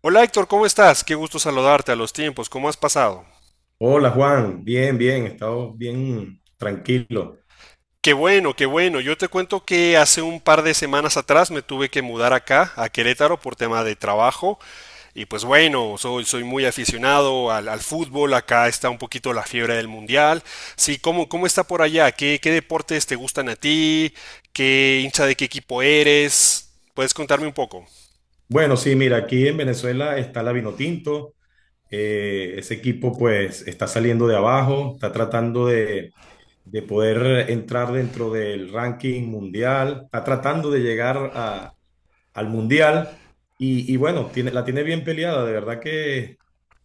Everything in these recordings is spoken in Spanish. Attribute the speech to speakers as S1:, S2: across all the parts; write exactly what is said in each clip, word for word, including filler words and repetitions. S1: Hola Héctor, ¿cómo estás? Qué gusto saludarte a los tiempos, ¿cómo has pasado?
S2: Hola Juan, bien, bien, he estado bien tranquilo.
S1: Qué bueno, qué bueno. Yo te cuento que hace un par de semanas atrás me tuve que mudar acá, a Querétaro, por tema de trabajo. Y pues bueno, soy, soy muy aficionado al, al fútbol. Acá está un poquito la fiebre del mundial. Sí, ¿cómo, cómo está por allá? ¿Qué, qué deportes te gustan a ti? ¿Qué hincha de qué equipo eres? ¿Puedes contarme un poco?
S2: Bueno, sí, mira, aquí en Venezuela está la Vinotinto, eh, ese equipo pues está saliendo de abajo, está tratando de, de poder entrar dentro del ranking mundial, está tratando de llegar a- al mundial y, y bueno, tiene, la tiene bien peleada, de verdad que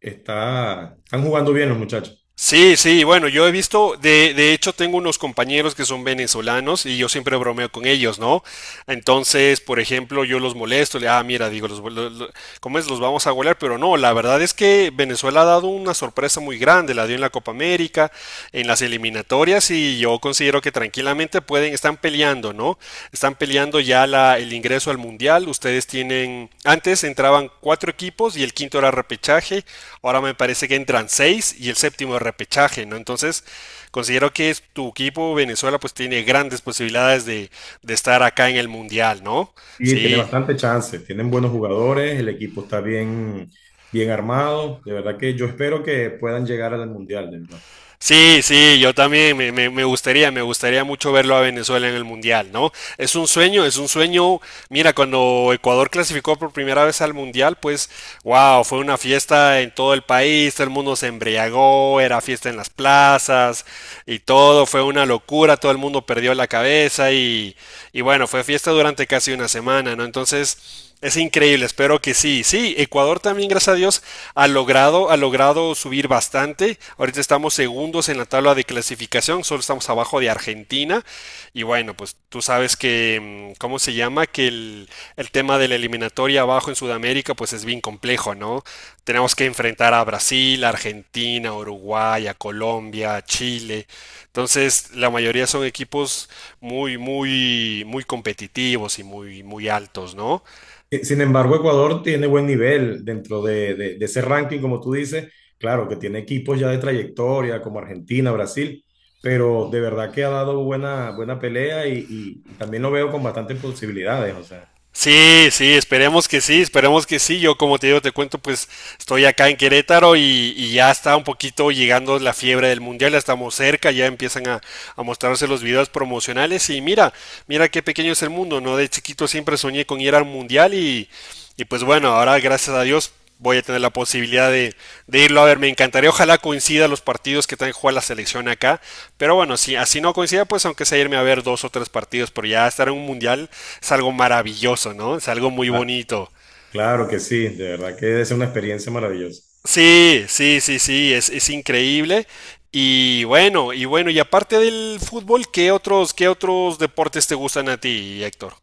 S2: está, están jugando bien los muchachos.
S1: Sí, sí, bueno, yo he visto, de, de hecho tengo unos compañeros que son venezolanos y yo siempre bromeo con ellos, ¿no? Entonces, por ejemplo, yo los molesto, le, ah, mira, digo, los, lo- lo- ¿cómo es? Los vamos a golear, pero no, la verdad es que Venezuela ha dado una sorpresa muy grande, la dio en la Copa América. Rica en las eliminatorias y yo considero que tranquilamente pueden, están peleando, ¿no? Están peleando ya la, el ingreso al Mundial. Ustedes tienen, antes entraban cuatro equipos y el quinto era repechaje, ahora me parece que entran seis y el séptimo es repechaje, ¿no? Entonces, considero que tu equipo Venezuela pues tiene grandes posibilidades de, de estar acá en el Mundial, ¿no?
S2: Sí, tiene
S1: Sí.
S2: bastante chance, tienen buenos jugadores, el equipo está bien, bien armado, de verdad que yo espero que puedan llegar al Mundial, de verdad.
S1: Sí, sí, yo también me, me- me gustaría, me gustaría mucho verlo a Venezuela en el Mundial, ¿no? Es un sueño, es un sueño. Mira, cuando Ecuador clasificó por primera vez al Mundial, pues wow, fue una fiesta en todo el país, todo el mundo se embriagó, era fiesta en las plazas y todo, fue una locura, todo el mundo perdió la cabeza y, y bueno, fue fiesta durante casi una semana, ¿no? Entonces... Es increíble, espero que sí. Sí, Ecuador también, gracias a Dios, ha logrado, ha logrado subir bastante. Ahorita estamos segundos en la tabla de clasificación, solo estamos abajo de Argentina, y bueno, pues tú sabes que, mm, ¿cómo se llama? Que el, el tema de la eliminatoria abajo en Sudamérica, pues es bien complejo, ¿no? Tenemos que enfrentar a Brasil, a Argentina, a Uruguay, a Colombia, a Chile. Entonces, la mayoría son equipos muy, muy, muy competitivos y muy, muy altos, ¿no?
S2: Eh, Sin embargo, Ecuador tiene buen nivel dentro de, de- de ese ranking, como tú dices, claro que tiene equipos ya de trayectoria como Argentina, Brasil, pero de verdad que ha dado buena, buena pelea y, y- y también lo veo con bastantes posibilidades, o sea,
S1: Sí, sí, esperemos que sí, esperemos que sí. Yo, como te digo, te cuento, pues estoy acá en Querétaro y, y ya está un poquito llegando la fiebre del mundial, ya estamos cerca, ya empiezan a, a mostrarse los videos promocionales y mira, mira qué pequeño es el mundo, ¿no? De chiquito siempre soñé con ir al mundial y, y pues bueno, ahora gracias a Dios voy a tener la posibilidad de, de irlo a ver. Me encantaría, ojalá coincida los partidos que también juega la selección acá. Pero bueno, si así no coincida, pues aunque sea irme a ver dos o tres partidos, pero ya estar en un mundial es algo maravilloso, ¿no? Es algo muy
S2: ah,
S1: bonito.
S2: claro que sí, de verdad que es una experiencia maravillosa.
S1: Sí, sí, sí, sí, es, es increíble. Y bueno, y bueno, y aparte del fútbol, ¿qué otros, qué otros deportes te gustan a ti, Héctor?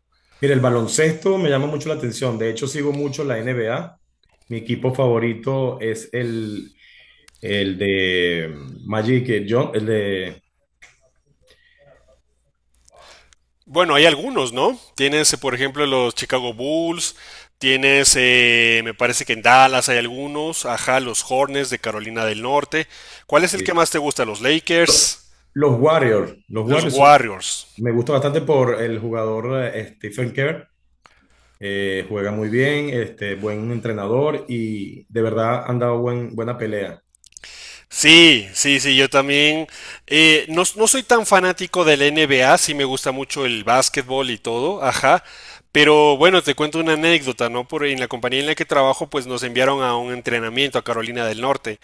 S2: Mira, el baloncesto me llama mucho la atención. De hecho, sigo mucho la N B A. Mi equipo favorito es el, el de Magic eh, John, el de
S1: Bueno, hay algunos, ¿no? Tienes, eh, por ejemplo, los Chicago Bulls, tienes, eh, me parece que en Dallas hay algunos, ajá, los Hornets de Carolina del Norte. ¿Cuál es el
S2: eh,
S1: que más te gusta? ¿Los Lakers?
S2: los Warriors. Los
S1: ¿Los
S2: Warriors son-
S1: Warriors?
S2: me gusta bastante por el jugador eh, Stephen Kerr. Eh, juega muy bien, este, buen entrenador y de verdad han dado buen, buena pelea.
S1: Sí, sí, sí, yo también. Eh, no, no soy tan fanático del N B A, sí me gusta mucho el básquetbol y todo, ajá. Pero bueno, te cuento una anécdota, ¿no? Por en la compañía en la que trabajo, pues nos enviaron a un entrenamiento a Carolina del Norte,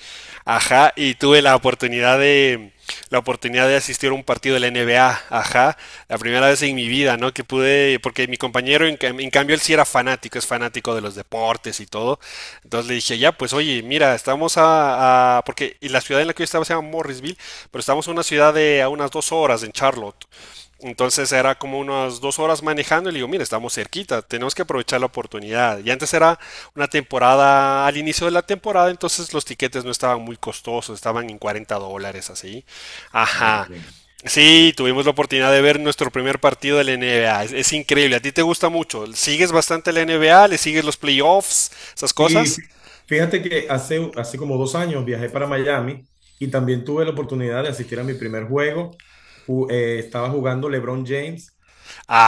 S1: ajá, y tuve la oportunidad de la oportunidad de asistir a un partido de la N B A, ajá, la primera vez en mi vida, ¿no? Que pude, porque mi compañero, en, cam- en cambio, él sí era fanático, es fanático de los deportes y todo, entonces le dije, ya, pues oye, mira, estamos a, a- porque y la ciudad en la que yo estaba se llama Morrisville, pero estamos en una ciudad de a unas dos horas en Charlotte. Entonces era como unas dos horas manejando y le digo, mira, estamos cerquita, tenemos que aprovechar la oportunidad. Y antes era una temporada, al inicio de la temporada, entonces los tiquetes no estaban muy costosos, estaban en cuarenta dólares así. Ajá. Sí, tuvimos la oportunidad de ver nuestro primer partido de la N B A. Es, es increíble. A ti te gusta mucho. Sigues bastante la N B A, le sigues los playoffs esas
S2: Sí,
S1: cosas.
S2: fíjate que hace, hace como dos años viajé para Miami y también tuve la oportunidad de asistir a mi primer juego. Ju- eh, estaba jugando LeBron James,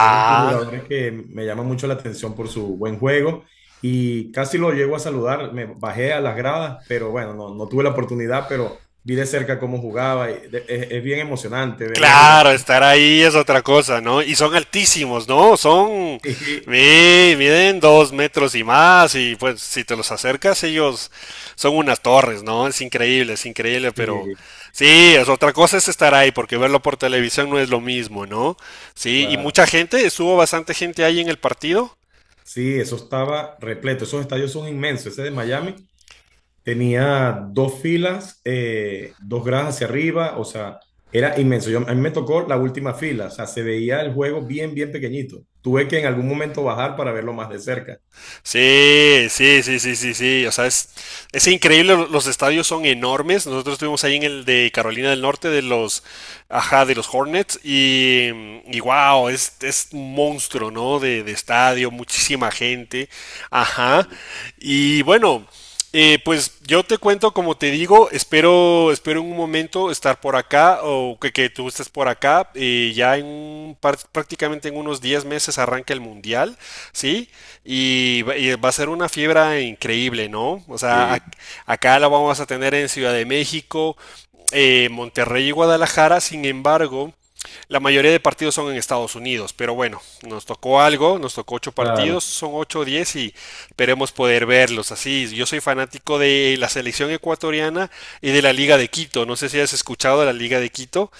S2: que es un jugador que me llama mucho la atención por su buen juego y casi lo llego a saludar. Me bajé a las gradas, pero bueno, no, no tuve la oportunidad, pero vi de cerca cómo jugaba. y de- Es, es bien emocionante verlo jugar.
S1: claro, estar ahí es otra cosa, ¿no? Y son altísimos, ¿no? Son,
S2: Sí,
S1: mi- miden dos metros y más y pues si te los acercas ellos son unas torres, ¿no? Es increíble, es increíble,
S2: sí,
S1: pero sí, es otra cosa es estar ahí porque verlo por televisión no es lo mismo, ¿no? Sí, y
S2: claro.
S1: mucha gente, estuvo bastante gente ahí en el partido.
S2: Sí, eso estaba repleto. Esos estadios son inmensos. Ese de Miami. Tenía dos filas, eh, dos gradas hacia arriba, o sea, era inmenso. Yo, a mí me tocó la última fila, o sea, se veía el juego bien, bien pequeñito. Tuve que en algún momento bajar para verlo más de cerca.
S1: Sí, sí, sí, sí, sí, sí. O sea, es, es increíble. lo- Los estadios son enormes. Nosotros estuvimos ahí en el de Carolina del Norte de los, ajá, de los Hornets y, y wow, es, es un monstruo, ¿no? De, de estadio, muchísima gente, ajá. Y bueno, eh, pues yo te cuento, como te digo, espero, espero en un momento estar por acá o que, que tú estés por acá. Eh, ya en un par- prácticamente en unos diez meses arranca el mundial, ¿sí? Y, va y va a ser una fiebre increíble, ¿no? O sea,
S2: Sí,
S1: ac- acá la vamos a tener en Ciudad de México, eh, Monterrey y Guadalajara. Sin embargo, la mayoría de partidos son en Estados Unidos, pero bueno, nos tocó algo, nos tocó ocho
S2: claro.
S1: partidos, son ocho o diez y esperemos poder verlos. Así, yo soy fanático de la selección ecuatoriana y de la Liga de Quito. No sé si has escuchado de la Liga de Quito.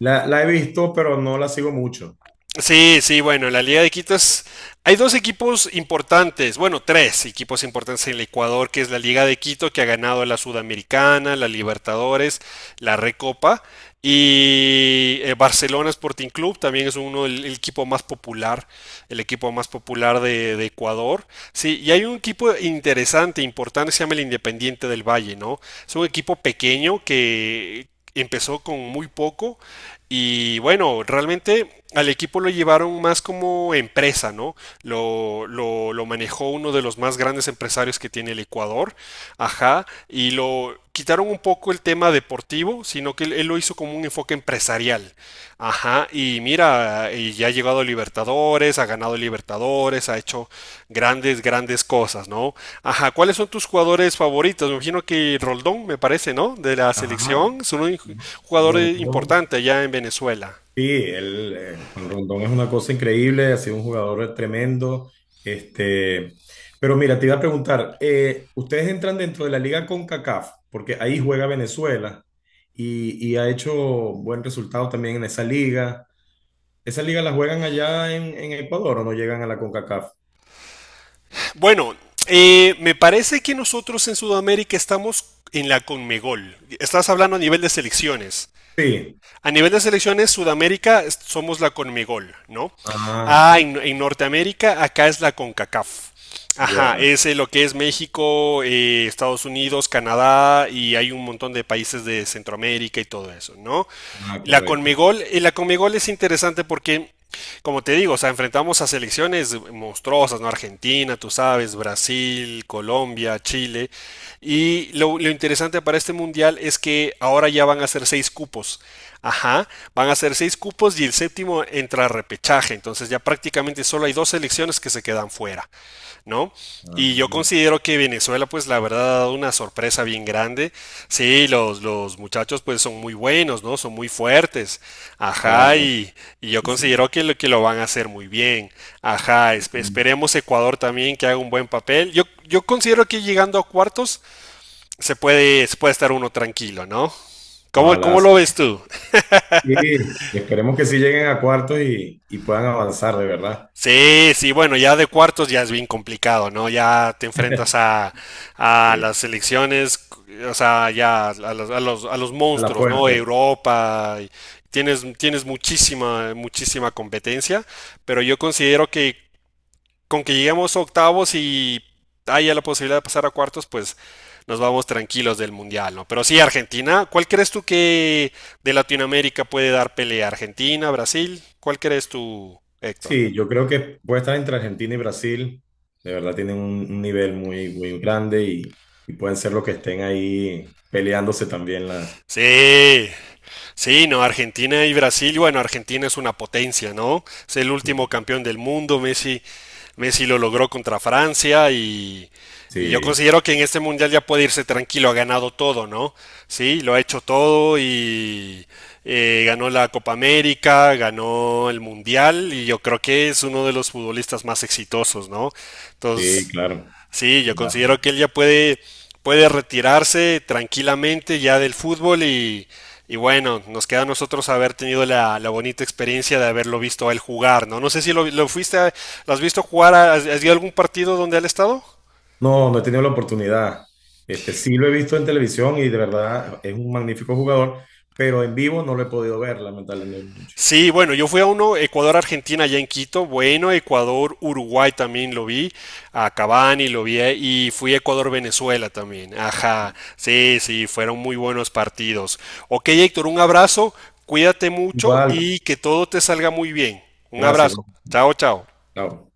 S2: La, la he visto, pero no la sigo mucho.
S1: Sí, sí, bueno, la Liga de Quito es... Hay dos equipos importantes, bueno, tres equipos importantes en el Ecuador, que es la Liga de Quito, que ha ganado la Sudamericana, la Libertadores, la Recopa, y eh, Barcelona Sporting Club también es uno el, el equipo más popular, el equipo más popular de, de Ecuador. Sí, y hay un equipo interesante, importante, se llama el Independiente del Valle, ¿no? Es un equipo pequeño que empezó con muy poco y bueno, realmente al equipo lo llevaron más como empresa, ¿no? Lo, lo, lo manejó uno de los más grandes empresarios que tiene el Ecuador, ajá, y lo quitaron un poco el tema deportivo, sino que él, él lo hizo como un enfoque empresarial, ajá, y mira, y ya ha llegado a Libertadores, ha ganado Libertadores, ha hecho grandes, grandes cosas, ¿no? Ajá, ¿cuáles son tus jugadores favoritos? Me imagino que Roldón, me parece, ¿no? De la
S2: Ajá.
S1: selección, es un jugador
S2: Rondón.
S1: importante allá en Venezuela.
S2: Sí, él, eh, Juan Rondón es una cosa increíble, ha sido un jugador tremendo. Este, pero mira, te iba a preguntar, eh, ustedes entran dentro de la liga CONCACAF, porque ahí juega Venezuela y, y ha hecho buen resultado también en esa liga. ¿Esa liga la juegan allá en, en Ecuador o no llegan a la CONCACAF?
S1: Bueno, eh, me parece que nosotros en Sudamérica estamos en la Conmebol. Estás hablando a nivel de selecciones.
S2: Sí.
S1: A nivel de selecciones, Sudamérica es- somos la Conmebol, ¿no?
S2: Ah,
S1: Ah, en, en Norteamérica, acá es la CONCACAF. Ajá,
S2: ya.
S1: es eh, lo que es México, eh, Estados Unidos, Canadá y hay un montón de países de Centroamérica y todo eso, ¿no?
S2: Ah,
S1: La
S2: correcto.
S1: Conmebol, eh, la Conmebol es interesante porque, como te digo, o sea, enfrentamos a selecciones monstruosas, ¿no? Argentina, tú sabes, Brasil, Colombia, Chile. Y lo, lo interesante para este mundial es que ahora ya van a ser seis cupos. Ajá, van a ser seis cupos y el séptimo entra a repechaje, entonces ya prácticamente solo hay dos selecciones que se quedan fuera, ¿no?
S2: Ah,
S1: Y yo considero que Venezuela, pues la verdad, ha dado una sorpresa bien grande. Sí, los, los muchachos, pues son muy buenos, ¿no? Son muy fuertes. Ajá,
S2: claro.
S1: y, y yo
S2: Sí, sí.
S1: considero que lo, que lo van a hacer muy bien. Ajá, esp- esperemos Ecuador también que haga un buen papel. Yo, yo considero que llegando a cuartos se puede, se puede estar uno tranquilo, ¿no? ¿Cómo,
S2: Ojalá.
S1: cómo
S2: Sí.
S1: lo ves tú?
S2: Sí, y esperemos que sí lleguen a cuartos y, y puedan avanzar de verdad.
S1: Sí, sí, bueno, ya de cuartos ya es bien complicado, ¿no? Ya te enfrentas a, a
S2: Sí,
S1: las selecciones, o sea, ya a los, a los, a los
S2: a la
S1: monstruos, ¿no?
S2: fuerte.
S1: Europa, y tienes, tienes muchísima, muchísima competencia, pero yo considero que con que lleguemos a octavos y haya la posibilidad de pasar a cuartos, pues nos vamos tranquilos del mundial, ¿no? Pero sí, Argentina, ¿cuál crees tú que de Latinoamérica puede dar pelea? ¿Argentina, Brasil? ¿Cuál crees tú, Héctor?
S2: Sí, yo creo que puede estar entre Argentina y Brasil. De verdad tienen un, un nivel muy, muy grande y, y pueden ser los que estén ahí peleándose también la.
S1: Sí, sí, no, Argentina y Brasil, bueno, Argentina es una potencia, ¿no? Es el
S2: Sí,
S1: último campeón del mundo, Messi, Messi lo logró contra Francia y, y yo
S2: sí,
S1: considero que en este mundial ya puede irse tranquilo, ha ganado todo, ¿no? Sí, lo ha hecho todo y eh, ganó la Copa América, ganó el mundial y yo creo que es uno de los futbolistas más exitosos, ¿no?
S2: sí,
S1: Entonces,
S2: claro,
S1: Sí, yo
S2: claro.
S1: considero que él ya puede, puede retirarse tranquilamente ya del fútbol y, y bueno, nos queda a nosotros haber tenido la, la bonita experiencia de haberlo visto a él jugar, ¿no? No sé si lo, lo fuiste, a- ¿lo has visto jugar? ¿Has, has ido a algún partido donde él ha estado?
S2: No, no he tenido la oportunidad. Este, sí lo he visto en televisión y de verdad es un magnífico jugador, pero en vivo no lo he podido ver, lamentablemente.
S1: Sí, bueno, yo fui a uno, Ecuador-Argentina allá en Quito, bueno, Ecuador-Uruguay también lo vi, a Cavani lo vi eh, y fui a Ecuador-Venezuela también, ajá, sí, sí, fueron muy buenos partidos. Ok, Héctor, un abrazo, cuídate mucho
S2: Igual,
S1: y que todo te salga muy bien. Un
S2: gracias. Bueno,
S1: abrazo, chao, chao.
S2: chao.